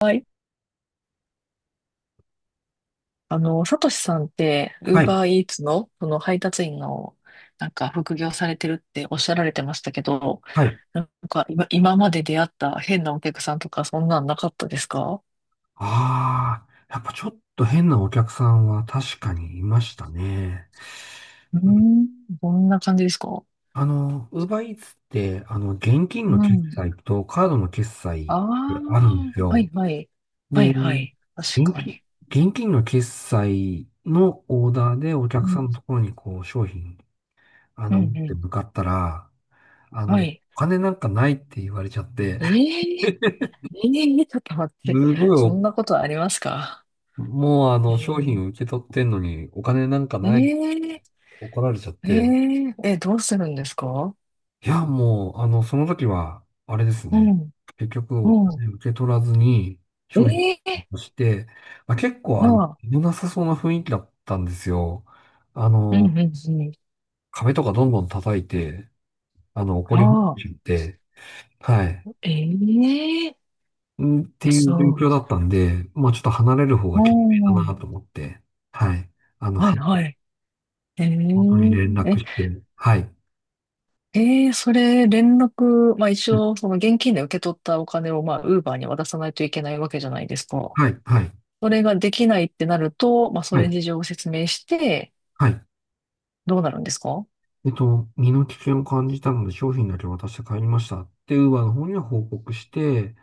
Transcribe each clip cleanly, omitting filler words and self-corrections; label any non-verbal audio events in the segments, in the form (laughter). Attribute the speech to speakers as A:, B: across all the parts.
A: はい。サトシさんって、ウー
B: はい、
A: バーイーツの、その配達員の、副業されてるっておっしゃられてましたけど、
B: はい。
A: なんか、今まで出会った変なお客さんとか、そんなんなかったですか？
B: ああ、やっぱちょっと変なお客さんは確かにいましたね。
A: うー
B: うん
A: ん、どんな感じですか？
B: ウーバーイーツって、現金の
A: う
B: 決
A: ん。
B: 済とカードの決済っ
A: あ
B: て
A: あ、
B: あるんです
A: はい
B: よ。
A: はい。は
B: で、
A: いはい。確かに。
B: 金、現金の決済のオーダーでお
A: う
B: 客
A: ん、
B: さんのところにこう商品、
A: う
B: 持
A: ん、
B: っ
A: う
B: て
A: ん。
B: 向かったら、
A: は
B: お
A: い。
B: 金なんかないって言われちゃって、
A: ええ、ええちょっと待っ
B: (laughs)
A: て。
B: すご
A: そ
B: い
A: んなことありますか？
B: もう商品を受
A: え、
B: け取ってんのにお金なんかない。
A: え、え
B: 怒られちゃっ
A: え
B: て、
A: ええ、え、どうするんですか？
B: いや、もう、その時は、あれです
A: う
B: ね。
A: ん、
B: 結局、お
A: うん。
B: 金受け取らずに、商品
A: ええ、
B: として、まあ、結構、
A: ああ、
B: 良なさそうな雰囲気だったんですよ。あ
A: うん、う
B: の、
A: ん、うん。
B: 壁とかどんどん叩いて、怒
A: あ
B: り始
A: あ、
B: めちゃって、はい。
A: ええ、
B: んっていう状況
A: そ
B: だったんで、まあ、ちょっと離れる方
A: う。
B: が
A: う
B: 賢明だな
A: ん、
B: と思って、はい。あの、
A: はい、
B: は
A: はい。え
B: 本当に連絡
A: え、
B: して、はい。
A: え、ええそれ、連絡、まあ一応、その現金で受け取ったお金を、まあ、ウーバーに渡さないといけないわけじゃないですか。
B: はい、はい、
A: それができないってなると、まあそ
B: は
A: ういう
B: い、
A: 事情を説明して、
B: はい。
A: どうなるんですか？
B: 身の危険を感じたので商品だけ渡して帰りましたって、ウーバーの方には報告して、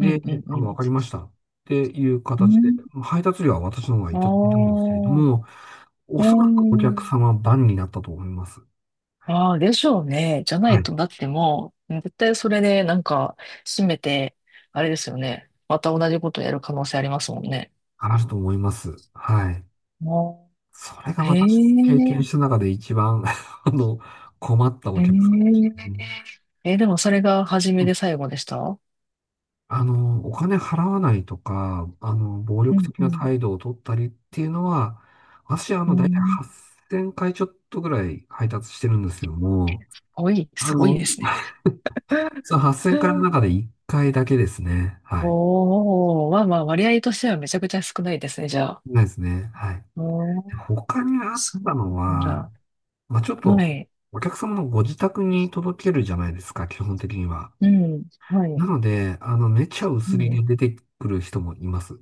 A: うん、うん、う
B: あ、
A: ん。
B: わかりましたっていう
A: う
B: 形で、
A: ん、
B: 配達料は私の方がいただい
A: あ
B: たんですけれど
A: あ、
B: も、
A: う
B: おそらくお客様
A: ん。
B: は番になったと思います。
A: ああ、でしょうね。じゃな
B: は
A: い
B: い。
A: と、だってもう、絶対それでなんか、閉めて、あれですよね。また同じことやる可能性ありますもんね。
B: あると思います。はい。
A: あ
B: それが
A: あ、へ
B: 私が経
A: え、
B: 験した中で一番 (laughs) あの、困ったお
A: へえ。
B: 客さんでしたね。
A: え、でもそれが初めで最後でした？
B: お金払わないとか、暴
A: う
B: 力
A: ん
B: 的
A: う
B: な
A: ん。
B: 態度を取ったりっていうのは、私、
A: う
B: 大体
A: ん。
B: 8,000回ちょっとぐらい配達してるんですけども、
A: すごい、
B: あ
A: すごい
B: の、
A: ですね。
B: その8,000回の中で
A: (laughs)
B: 1回だけですね。はい。
A: おお、まあまあ、割合としてはめちゃくちゃ少ないですね、じゃあ。
B: ないですね。はい。
A: おー、
B: 他にあっ
A: そう
B: たの
A: なん
B: は、
A: だ。
B: まあ、ちょっ
A: は
B: と、
A: い。
B: お客様のご自宅に届けるじゃないですか、基本的には。
A: うん。は
B: な
A: い。
B: ので、めちゃ薄
A: は
B: 利
A: い。
B: で出てくる人もいます。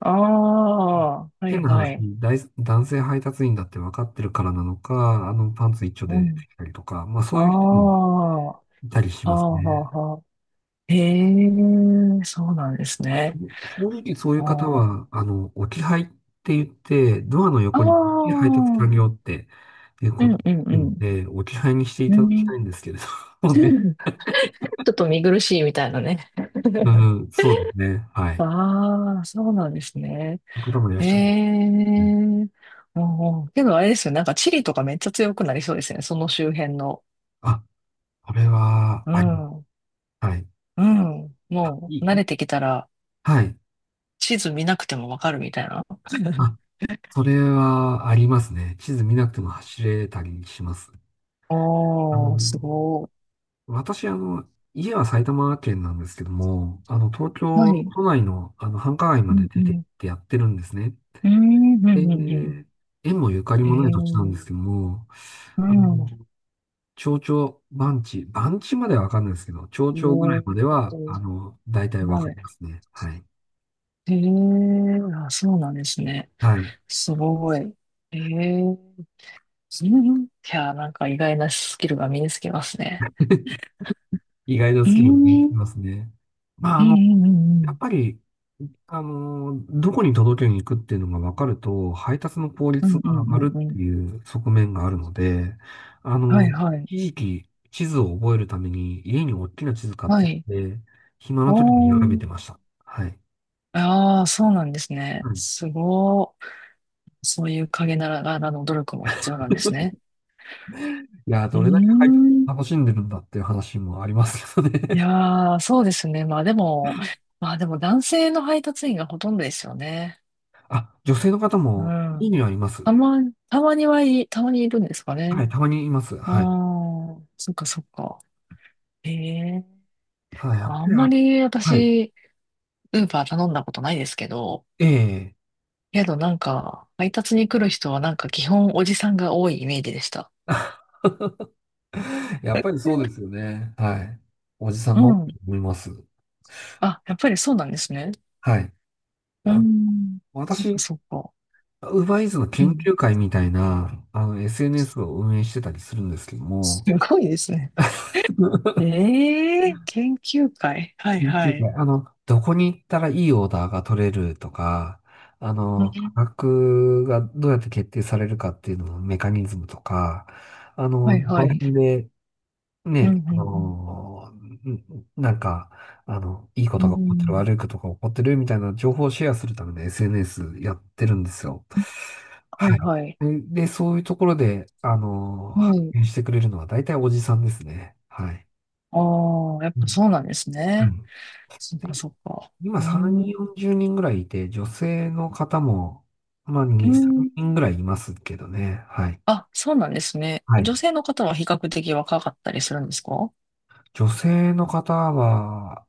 A: ああ、はい
B: 変な
A: は
B: 話、
A: い。
B: 大男性配達員だって分かってるからなのか、パンツ一丁で
A: う
B: 出
A: ん。
B: てきたりとか、まあ
A: あ
B: そ
A: あ、
B: ういう人も
A: は
B: いたりし
A: あ
B: ます
A: は
B: ね。
A: あはあ。へえ、そうなんですね。
B: 正直そうい
A: あ
B: う方
A: ー
B: は、置き配って言って、ドアの
A: あ
B: 横に配達完
A: ー、
B: 了っていう
A: う
B: こ
A: ん
B: と
A: うんう
B: なの
A: ん。
B: で、置き配にしてい
A: う
B: ただき
A: ん、
B: たいんですけれ
A: (laughs)
B: ども
A: ちょ
B: ね。
A: っと見苦しいみたいなね。
B: (laughs) うん、そうですね。はい。
A: ああ、そうなんですね。
B: そういう方もいらっ
A: へ
B: しゃる。うん
A: え、おー、けどあれですよね、なんかチリとかめっちゃ強くなりそうですね、その周辺の。
B: あ、これは、
A: う
B: あり
A: ん、う
B: はい。
A: ん、
B: あ
A: も
B: い
A: う慣
B: い
A: れてきたら
B: はい。
A: 地図見なくてもわかるみたいな。
B: あそれはありますね。地図見なくても走れたりします。
A: (laughs)
B: あ
A: おー、す
B: の
A: ご
B: 私、家は埼玉県なんですけども、東
A: い。は
B: 京
A: い。
B: 都内の、繁華街
A: う
B: ま
A: ん
B: で
A: う
B: 出て行
A: ん。
B: ってやってるんですね。
A: うーん、うん、
B: で、
A: うん、うん。
B: 縁もゆかり
A: え
B: もない土地なん
A: ー、
B: ですけども、
A: う
B: あ
A: ん。
B: の、町長、番地、番地まではわかんないですけど、町長ぐら
A: お
B: い
A: ー、
B: までは、大体わ
A: は
B: か
A: い。
B: りますね。はい。
A: えー、あ、そうなんですね。
B: (laughs) はい。
A: すごい。ええ、うん。いや、なんか意外なスキルが身につけますね。
B: 意外な
A: うー
B: スキルも
A: ん、
B: 見えて
A: う
B: きま
A: ん、
B: すね。まあ、
A: うん、う
B: やっ
A: ん、
B: ぱり、どこに届けに行くっていうのが分かると、配達の効
A: うん。
B: 率
A: うん、
B: が
A: う
B: 上が
A: ん、
B: る
A: うん、
B: っ
A: うん。
B: ていう側面があるので、あ
A: はい、
B: の、
A: はい。
B: 一時期、地図を覚えるために、家に大きな地図買っ
A: は
B: てき
A: い。
B: て、暇な
A: お
B: 時に眺め
A: ー。
B: てました。はい。
A: ああ、そうなんですね。
B: うん。
A: すごい、そういう陰ながらの努力も必要なんですね。
B: いやー、
A: う
B: ど
A: ー
B: れだけ配達
A: ん。
B: を楽しんでるんだっていう話もありますけど
A: い
B: ね。
A: やー、そうですね。まあでも、まあでも男性の配達員がほとんどですよね。
B: (laughs) あ、女性の方
A: う
B: も家
A: ん。
B: にはいます。
A: たま、たまにはい、たまにいるんですか
B: は
A: ね。
B: い、たまにいます。
A: うー
B: はい。
A: ん。そっかそっか。ええ、
B: ただ、やっ
A: ま
B: ぱ
A: あ
B: り、
A: んまり
B: はい。
A: 私、ウーバー頼んだことないですけど、
B: ええ
A: けどなんか、配達に来る人はなんか基本おじさんが多いイメージでした。
B: (laughs) やっぱりそうです
A: (laughs)
B: よね。はい。おじさん
A: う
B: が多
A: ん。う
B: い
A: ん、
B: と思います。
A: あ、やっぱりそうなんですね。
B: はい。
A: うー
B: あ、
A: ん。そっか
B: 私、
A: そっか。
B: ウーバーイーツの
A: う
B: 研
A: ん。
B: 究会みたいな、SNS を運営してたりするんですけど
A: す
B: も、
A: ごいですね。ええ、研究会。はい
B: 研
A: は
B: 究会、
A: い。
B: どこに行ったらいいオーダーが取れるとか、
A: う
B: 価
A: ん、
B: 格がどうやって決定されるかっていうののメカニズムとか、
A: はい
B: ど
A: は
B: この
A: い。
B: 辺で
A: うん、う
B: ね、
A: ん、
B: いいこ
A: うん。
B: とが
A: う
B: 起こってる、悪
A: ん、
B: いことが起こってるみたいな情報をシェアするための SNS やってるんですよ。
A: は
B: は
A: い
B: い。
A: はい。
B: で、そういうところで、
A: は
B: 発
A: い。
B: 見してくれるのは大体おじさんですね。はい。
A: ああ、やっ
B: う
A: ぱ
B: ん、
A: そうなんです
B: は
A: ね。
B: い。
A: そっか
B: で
A: そっか。
B: 今
A: う
B: 3、
A: ん。
B: 40人ぐらいいて、女性の方も、まあ
A: う
B: 2、3
A: ん。
B: 人ぐらいいますけどね。はい。
A: あ、そうなんですね。
B: は
A: 女
B: い。
A: 性の方は比較的若かったりするんですか？
B: 女性の方は、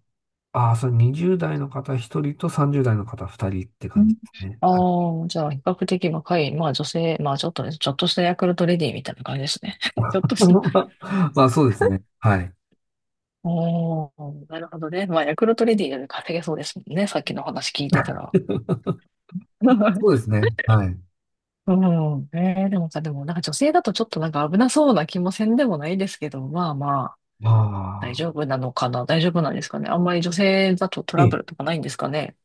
B: ああ、それ20代の方1人と30代の方2人って
A: う
B: 感じ
A: ん。
B: ですね。はい
A: ああ、じゃあ比較的若い、まあ女性、まあちょっとね、ちょっとしたヤクルトレディーみたいな感じですね。(laughs) ちょっとした。
B: (laughs) まあそうですね。はい。
A: おー、なるほどね。まあヤクルトレディーより稼げそうですもんね。さっきの話聞いてたら。
B: そうで
A: (laughs)
B: すね。はい。
A: うん。えー、でもさ、でもなんか女性だとちょっとなんか危なそうな気もせんでもないですけど、まあまあ、
B: ま
A: 大
B: あ、
A: 丈夫なのかな？大丈夫なんですかね？あんまり女性だとト
B: え
A: ラブ
B: え、
A: ルとかないんですかね？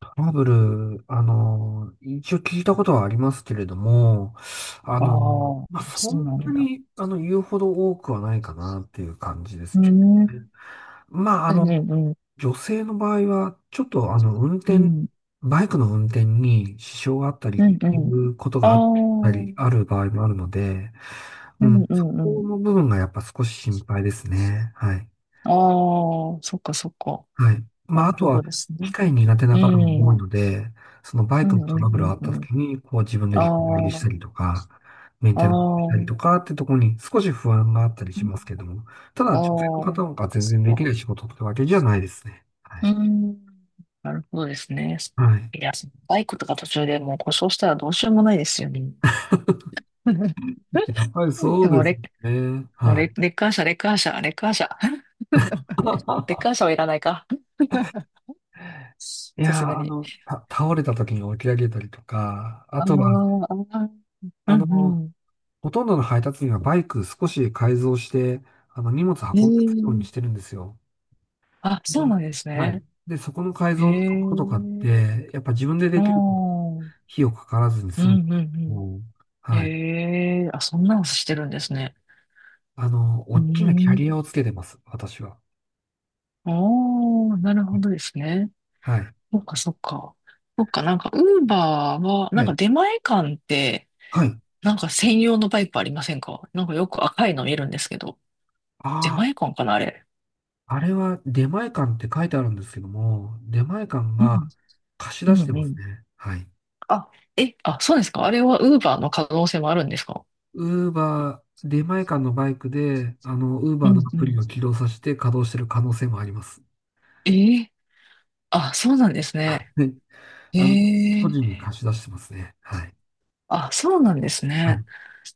B: トラブル、一応聞いたことはありますけれども、あ
A: あ
B: の、
A: あ、
B: まあそ
A: そうな
B: ん
A: ん
B: な
A: だ。
B: に、言うほど多くはないかなっていう感じです
A: うん、
B: けど
A: う
B: ね。
A: ん
B: まあ、
A: うんうん、
B: 女性の場合は、ちょっと
A: うん、
B: バイクの運転に支障があったり、
A: うんう
B: い
A: ん。
B: うこと
A: あ
B: があっ
A: あ、う
B: たり、
A: ん
B: ある場合もあるので、
A: う
B: う
A: ん
B: ん、そ
A: うん。
B: この部分がやっぱ少し心配ですね。はい。
A: ああ、そっかそっか。
B: はい。
A: な
B: まあ、
A: る
B: あと
A: ほ
B: は、
A: どです
B: 機
A: ね。
B: 械苦手
A: う
B: な方
A: ん、う
B: も多い
A: ん
B: ので、そのバイ
A: う
B: ク
A: ん
B: の
A: う
B: トラブルがあ
A: ん
B: っ
A: う
B: た
A: ん。
B: 時に、こう自分でリペア入れした
A: あ
B: りとか、メン
A: あ、
B: テナンス
A: あ
B: したりと
A: あ、
B: かってところに少し不安があったりしますけども、ただ
A: あ
B: 女性の
A: あ、
B: 方が全
A: そ
B: 然で
A: っ
B: き
A: か、
B: ない仕事ってわけじゃないですね。は
A: うー
B: い
A: ん。なるほどですね。
B: はい。
A: いや、バイクとか途中でもう故障したらどうしようもないですよね。
B: (laughs)
A: (laughs)
B: やっぱりそ
A: で
B: うで
A: も
B: す
A: レ、
B: ね。
A: もう
B: は
A: レ、
B: い。
A: レッカー車、レッカー車、レッカー車。(laughs) レッカー
B: (laughs)
A: 車はいらないか。(laughs)
B: い
A: さす
B: やー、
A: がに。
B: 倒れた時に起き上げたりとか、あ
A: あ
B: とは、
A: ーあー、あ、う
B: あの、
A: んう
B: ほとんどの配達員はバイク少し改造して、荷物運びやすいようにして
A: ん。ええ、
B: るんですよ。
A: あ、そう
B: で、
A: なんです
B: はい。
A: ね。
B: で、そこの改
A: え
B: 造のところとかっ
A: え、
B: て、やっぱ自分で
A: あ
B: で
A: あ、
B: きると費
A: うん
B: 用かからずに
A: う
B: 済む。
A: んう
B: う
A: ん。
B: ん、はい。
A: ええ、あ、そんなのしてるんですね。うー
B: 大きなキャリア
A: ん。
B: をつけてます、私は。
A: ああ、なるほどですね。
B: はい。
A: そっか、そっか。そっか、なんか、ウーバーは、なん
B: は
A: か
B: い。
A: 出前館って、
B: はい。
A: なんか専用のバイクありませんか？なんかよく赤いの見るんですけど。出
B: あ、
A: 前館かな、あれ。
B: あれは出前館って書いてあるんですけども、出前館
A: うん、
B: が貸し
A: う
B: 出
A: ん、
B: して
A: う
B: ます
A: ん。
B: ね。はい。
A: あ、え、あ、そうですか。あれはウーバーの可能性もあるんですか？
B: ウーバー、出前館のバイクで、ウー
A: う
B: バー
A: ん、
B: のア
A: う
B: プリ
A: ん。
B: を起動させて稼働してる可能性もあります。
A: えー、あ、そうなんです
B: は
A: ね。
B: い。
A: え
B: あの、個人に
A: え、
B: 貸し出してますね。はい。
A: あ、そうなんです
B: は
A: ね。
B: い。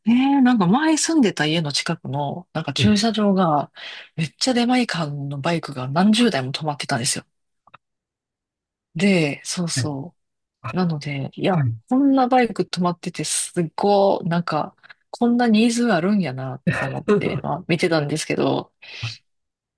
A: ええ、なんか前住んでた家の近くの、なんか
B: ええ、
A: 駐車場が、めっちゃ出前館のバイクが何十台も止まってたんですよ。で、そう
B: はい。
A: そ
B: あ、
A: う。なので、いや、
B: はい。
A: こんなバイク止まってて、すっごい、なんか、こんなニーズあるんやな、と思って、まあ、見てたんですけど、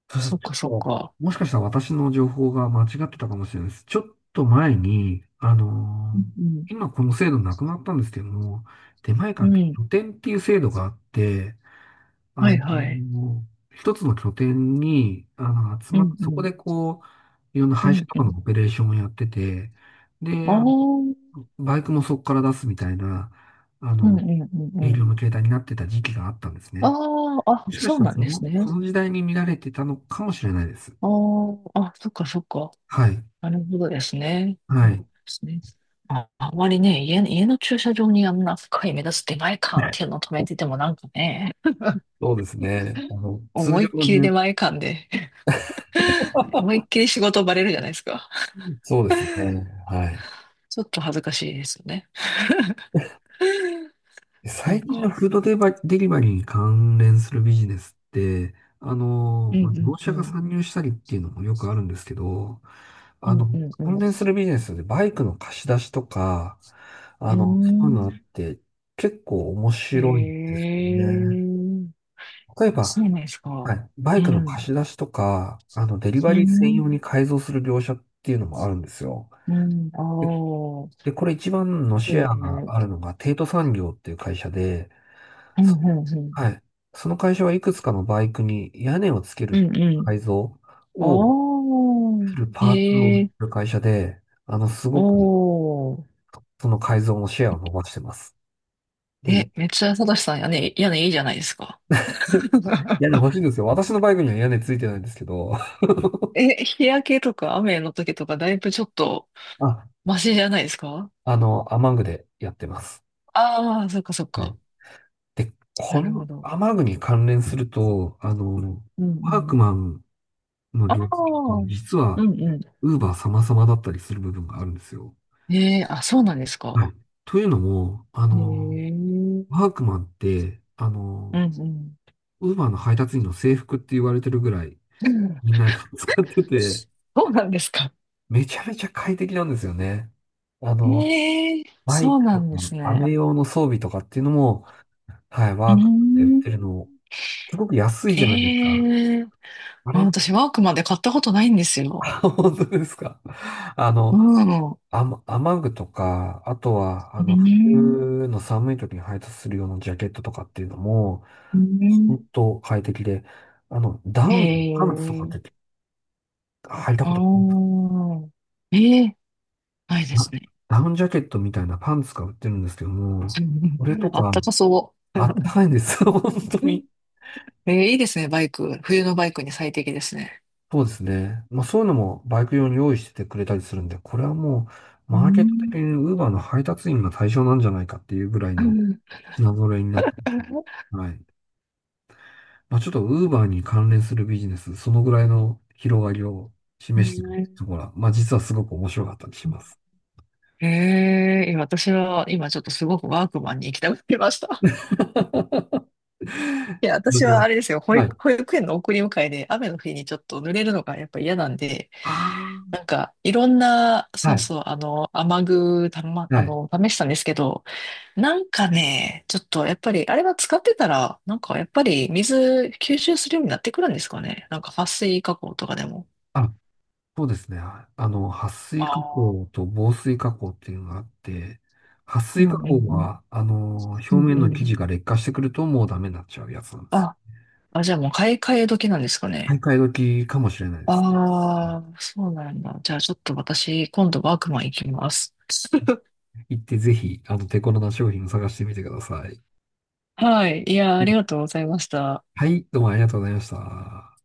B: そうそう、
A: そっ
B: ち
A: かそっ
B: ょっと、
A: か。
B: もしかしたら私の情報が間違ってたかもしれないです。ちょっと前に、
A: うん
B: 今この制度なくなったんですけども、出前
A: う
B: 館っ
A: ん。
B: て
A: うん。
B: 拠点っていう制度があって、あ
A: は
B: の
A: いはい。
B: 一つの拠点に、集
A: う
B: まって、
A: んう
B: そこ
A: ん。
B: でこう、いろんな
A: う
B: 配車
A: ん
B: と
A: う
B: かの
A: ん。
B: オペレーションをやってて、で、
A: ああ、うん
B: バイクもそこから出すみたいな、あ
A: うん
B: の、
A: うんう
B: 営
A: ん。
B: 業の形態になってた時期があったんですね。
A: ああ、
B: も
A: あ、
B: しかし
A: そう
B: たら
A: なん
B: そ
A: です
B: の、
A: ね。
B: その時代に見られてたのかもしれないです。
A: ああ、あ、そっかそっか。
B: はい。
A: なるほどですね。
B: は
A: そうで
B: い。
A: すね。あ、あまりね、家、家の駐車場にあんな深い目立つ出前感っていうのを止めててもなんかね、
B: そうですね。通
A: 思い
B: 常
A: っ
B: の
A: きり出
B: 住、
A: 前感で思いっきり仕事バレるじゃないですか。
B: そうですね。はい。
A: ちょっと恥ずかしいですよね。な
B: 最
A: ん
B: 近の
A: か。
B: フードデバ、デリバリーに関連するビジネスって、
A: う
B: まあ、業
A: んう
B: 者
A: んう
B: が
A: ん。
B: 参入したりっていうのもよくあるんですけど、
A: うんうんう
B: 関連するビジネスでバイクの貸し出しとか、そういうのあ
A: ん。
B: って結構面
A: うーん。
B: 白いんですよね。
A: へえ。
B: 例え
A: あ、そう
B: ば、
A: なんです
B: は
A: か。
B: い。バ
A: う
B: イクの
A: ん。
B: 貸し出しとか、デリ
A: う
B: バリー専
A: ん。
B: 用に改造する業者っていうのもあるんですよ。
A: うん。ああ。
B: で、これ一番の
A: そう
B: シェ
A: です
B: アが
A: ね。
B: あるのが、テイト産業っていう会社で、
A: うん
B: そ
A: うんうん。
B: はい。その会社はいくつかのバイクに屋根をつけ
A: う
B: る
A: んうん。
B: 改造を
A: あ
B: する
A: あ。
B: パーツを売っ
A: へ
B: て
A: え。
B: る会社で、す
A: お
B: ごく
A: お。
B: その改造のシェアを伸ばしてます。で、一
A: え、めっちゃサトシさん、屋根、屋根いいじゃないですか。
B: 回屋根
A: (laughs)
B: 欲しいんですよ。私のバイクには屋根ついてないんですけど、(laughs)
A: え、日焼けとか雨の時とかだいぶちょっと
B: あ、
A: マシじゃないですか？
B: アマングでやってます。
A: ああ、そっかそっ
B: は
A: か。
B: い。で、こ
A: なる
B: の
A: ほど。
B: 雨具に関連すると、
A: うん
B: ワー
A: う
B: ク
A: ん。
B: マンの
A: ああ、
B: 領域、
A: うん
B: 実は、
A: う
B: ウーバー様々だったりする部分があるんですよ。
A: ん。ええ、あ、そうなんですか。
B: はい。というのも、
A: へえ、うん
B: ワークマンって、
A: うん。
B: ウーバーの配達員の制服って言われてるぐらい、
A: (laughs) うん、
B: みんな (laughs) 使ってて、
A: そうなんですか。
B: めちゃめちゃ快適なんですよね。あの、
A: ええ、
B: バイ
A: そう
B: ク
A: な
B: とか、
A: んですね。
B: 雨用の装備とかっていうのも、はい、
A: うー
B: ワークマンで売っ
A: ん。
B: てるの、すごく安い
A: え
B: じゃないですか。
A: え、
B: あ
A: あ、
B: れ
A: 私ワークマンで買ったことないんですよ。
B: (laughs) 本当ですか。あ
A: う
B: の、
A: ん。う
B: 雨具とか、あとは、
A: ーん。
B: 冬の寒い時に配達するようなジャケットとかっていうのも、
A: うん。
B: 本当快適で、ダ
A: へ
B: ウンのパンツとかっ
A: え、
B: て履いた
A: あ
B: ことありま
A: あ、ええ、ないで
B: す
A: す
B: か。
A: ね。
B: ダウンジャケットみたいなパンツが売ってるんですけども、
A: (laughs)
B: これと
A: あっ
B: か、
A: たかそ
B: あった
A: う。
B: かいんですよ、(laughs) 本当
A: (laughs)
B: に。
A: えー、いいですね、バイク。冬のバイクに最適ですね。
B: そうですね。まあそういうのもバイク用に用意しててくれたりするんで、これはもう
A: う
B: マーケット的に
A: ん。
B: Uber の配達員が対象なんじゃないかっていうぐらいの
A: (laughs)
B: 品揃えになってますね。はい。まあちょっと Uber に関連するビジネス、そのぐらいの広がりを示しているところは、まあ実はすごく面白かったりします。
A: ええー、いや私は今ちょっとすごくワークマンに行きたくなりました。(laughs)
B: (laughs) ち
A: いや、
B: ょっ
A: 私は
B: と
A: あれですよ、保
B: はい。
A: 育、保育園の送り迎えで雨の日にちょっと濡れるのがやっぱ嫌なんで、
B: あ
A: なんかいろんな、
B: あ、
A: そ
B: は
A: う
B: い。
A: そう、雨具たま、
B: はい。
A: 試したんですけど、なんかね、ちょっとやっぱり、あれは使ってたら、なんかやっぱり水吸収するようになってくるんですかね。なんか撥水加工とかでも。
B: あ、そうですね。撥
A: あ
B: 水加工
A: ー、
B: と防水加工っていうのがあって、撥
A: うん
B: 水
A: う
B: 加
A: んう
B: 工
A: ん。
B: は、表
A: うん
B: 面
A: う
B: の生
A: ん。
B: 地が劣化してくるともうダメになっちゃうやつなんですよ。
A: あ、あ、じゃあもう買い替え時なんですか
B: 買
A: ね。
B: い替え時かもしれないですね。う
A: あ
B: ん、
A: あ、そうなんだ。じゃあちょっと私、今度ワークマン行きます。
B: 行ってぜひ、手頃な商品を探してみてください。
A: はい。いや、
B: う
A: あり
B: ん、
A: がとうございました。
B: はい、どうもありがとうございました。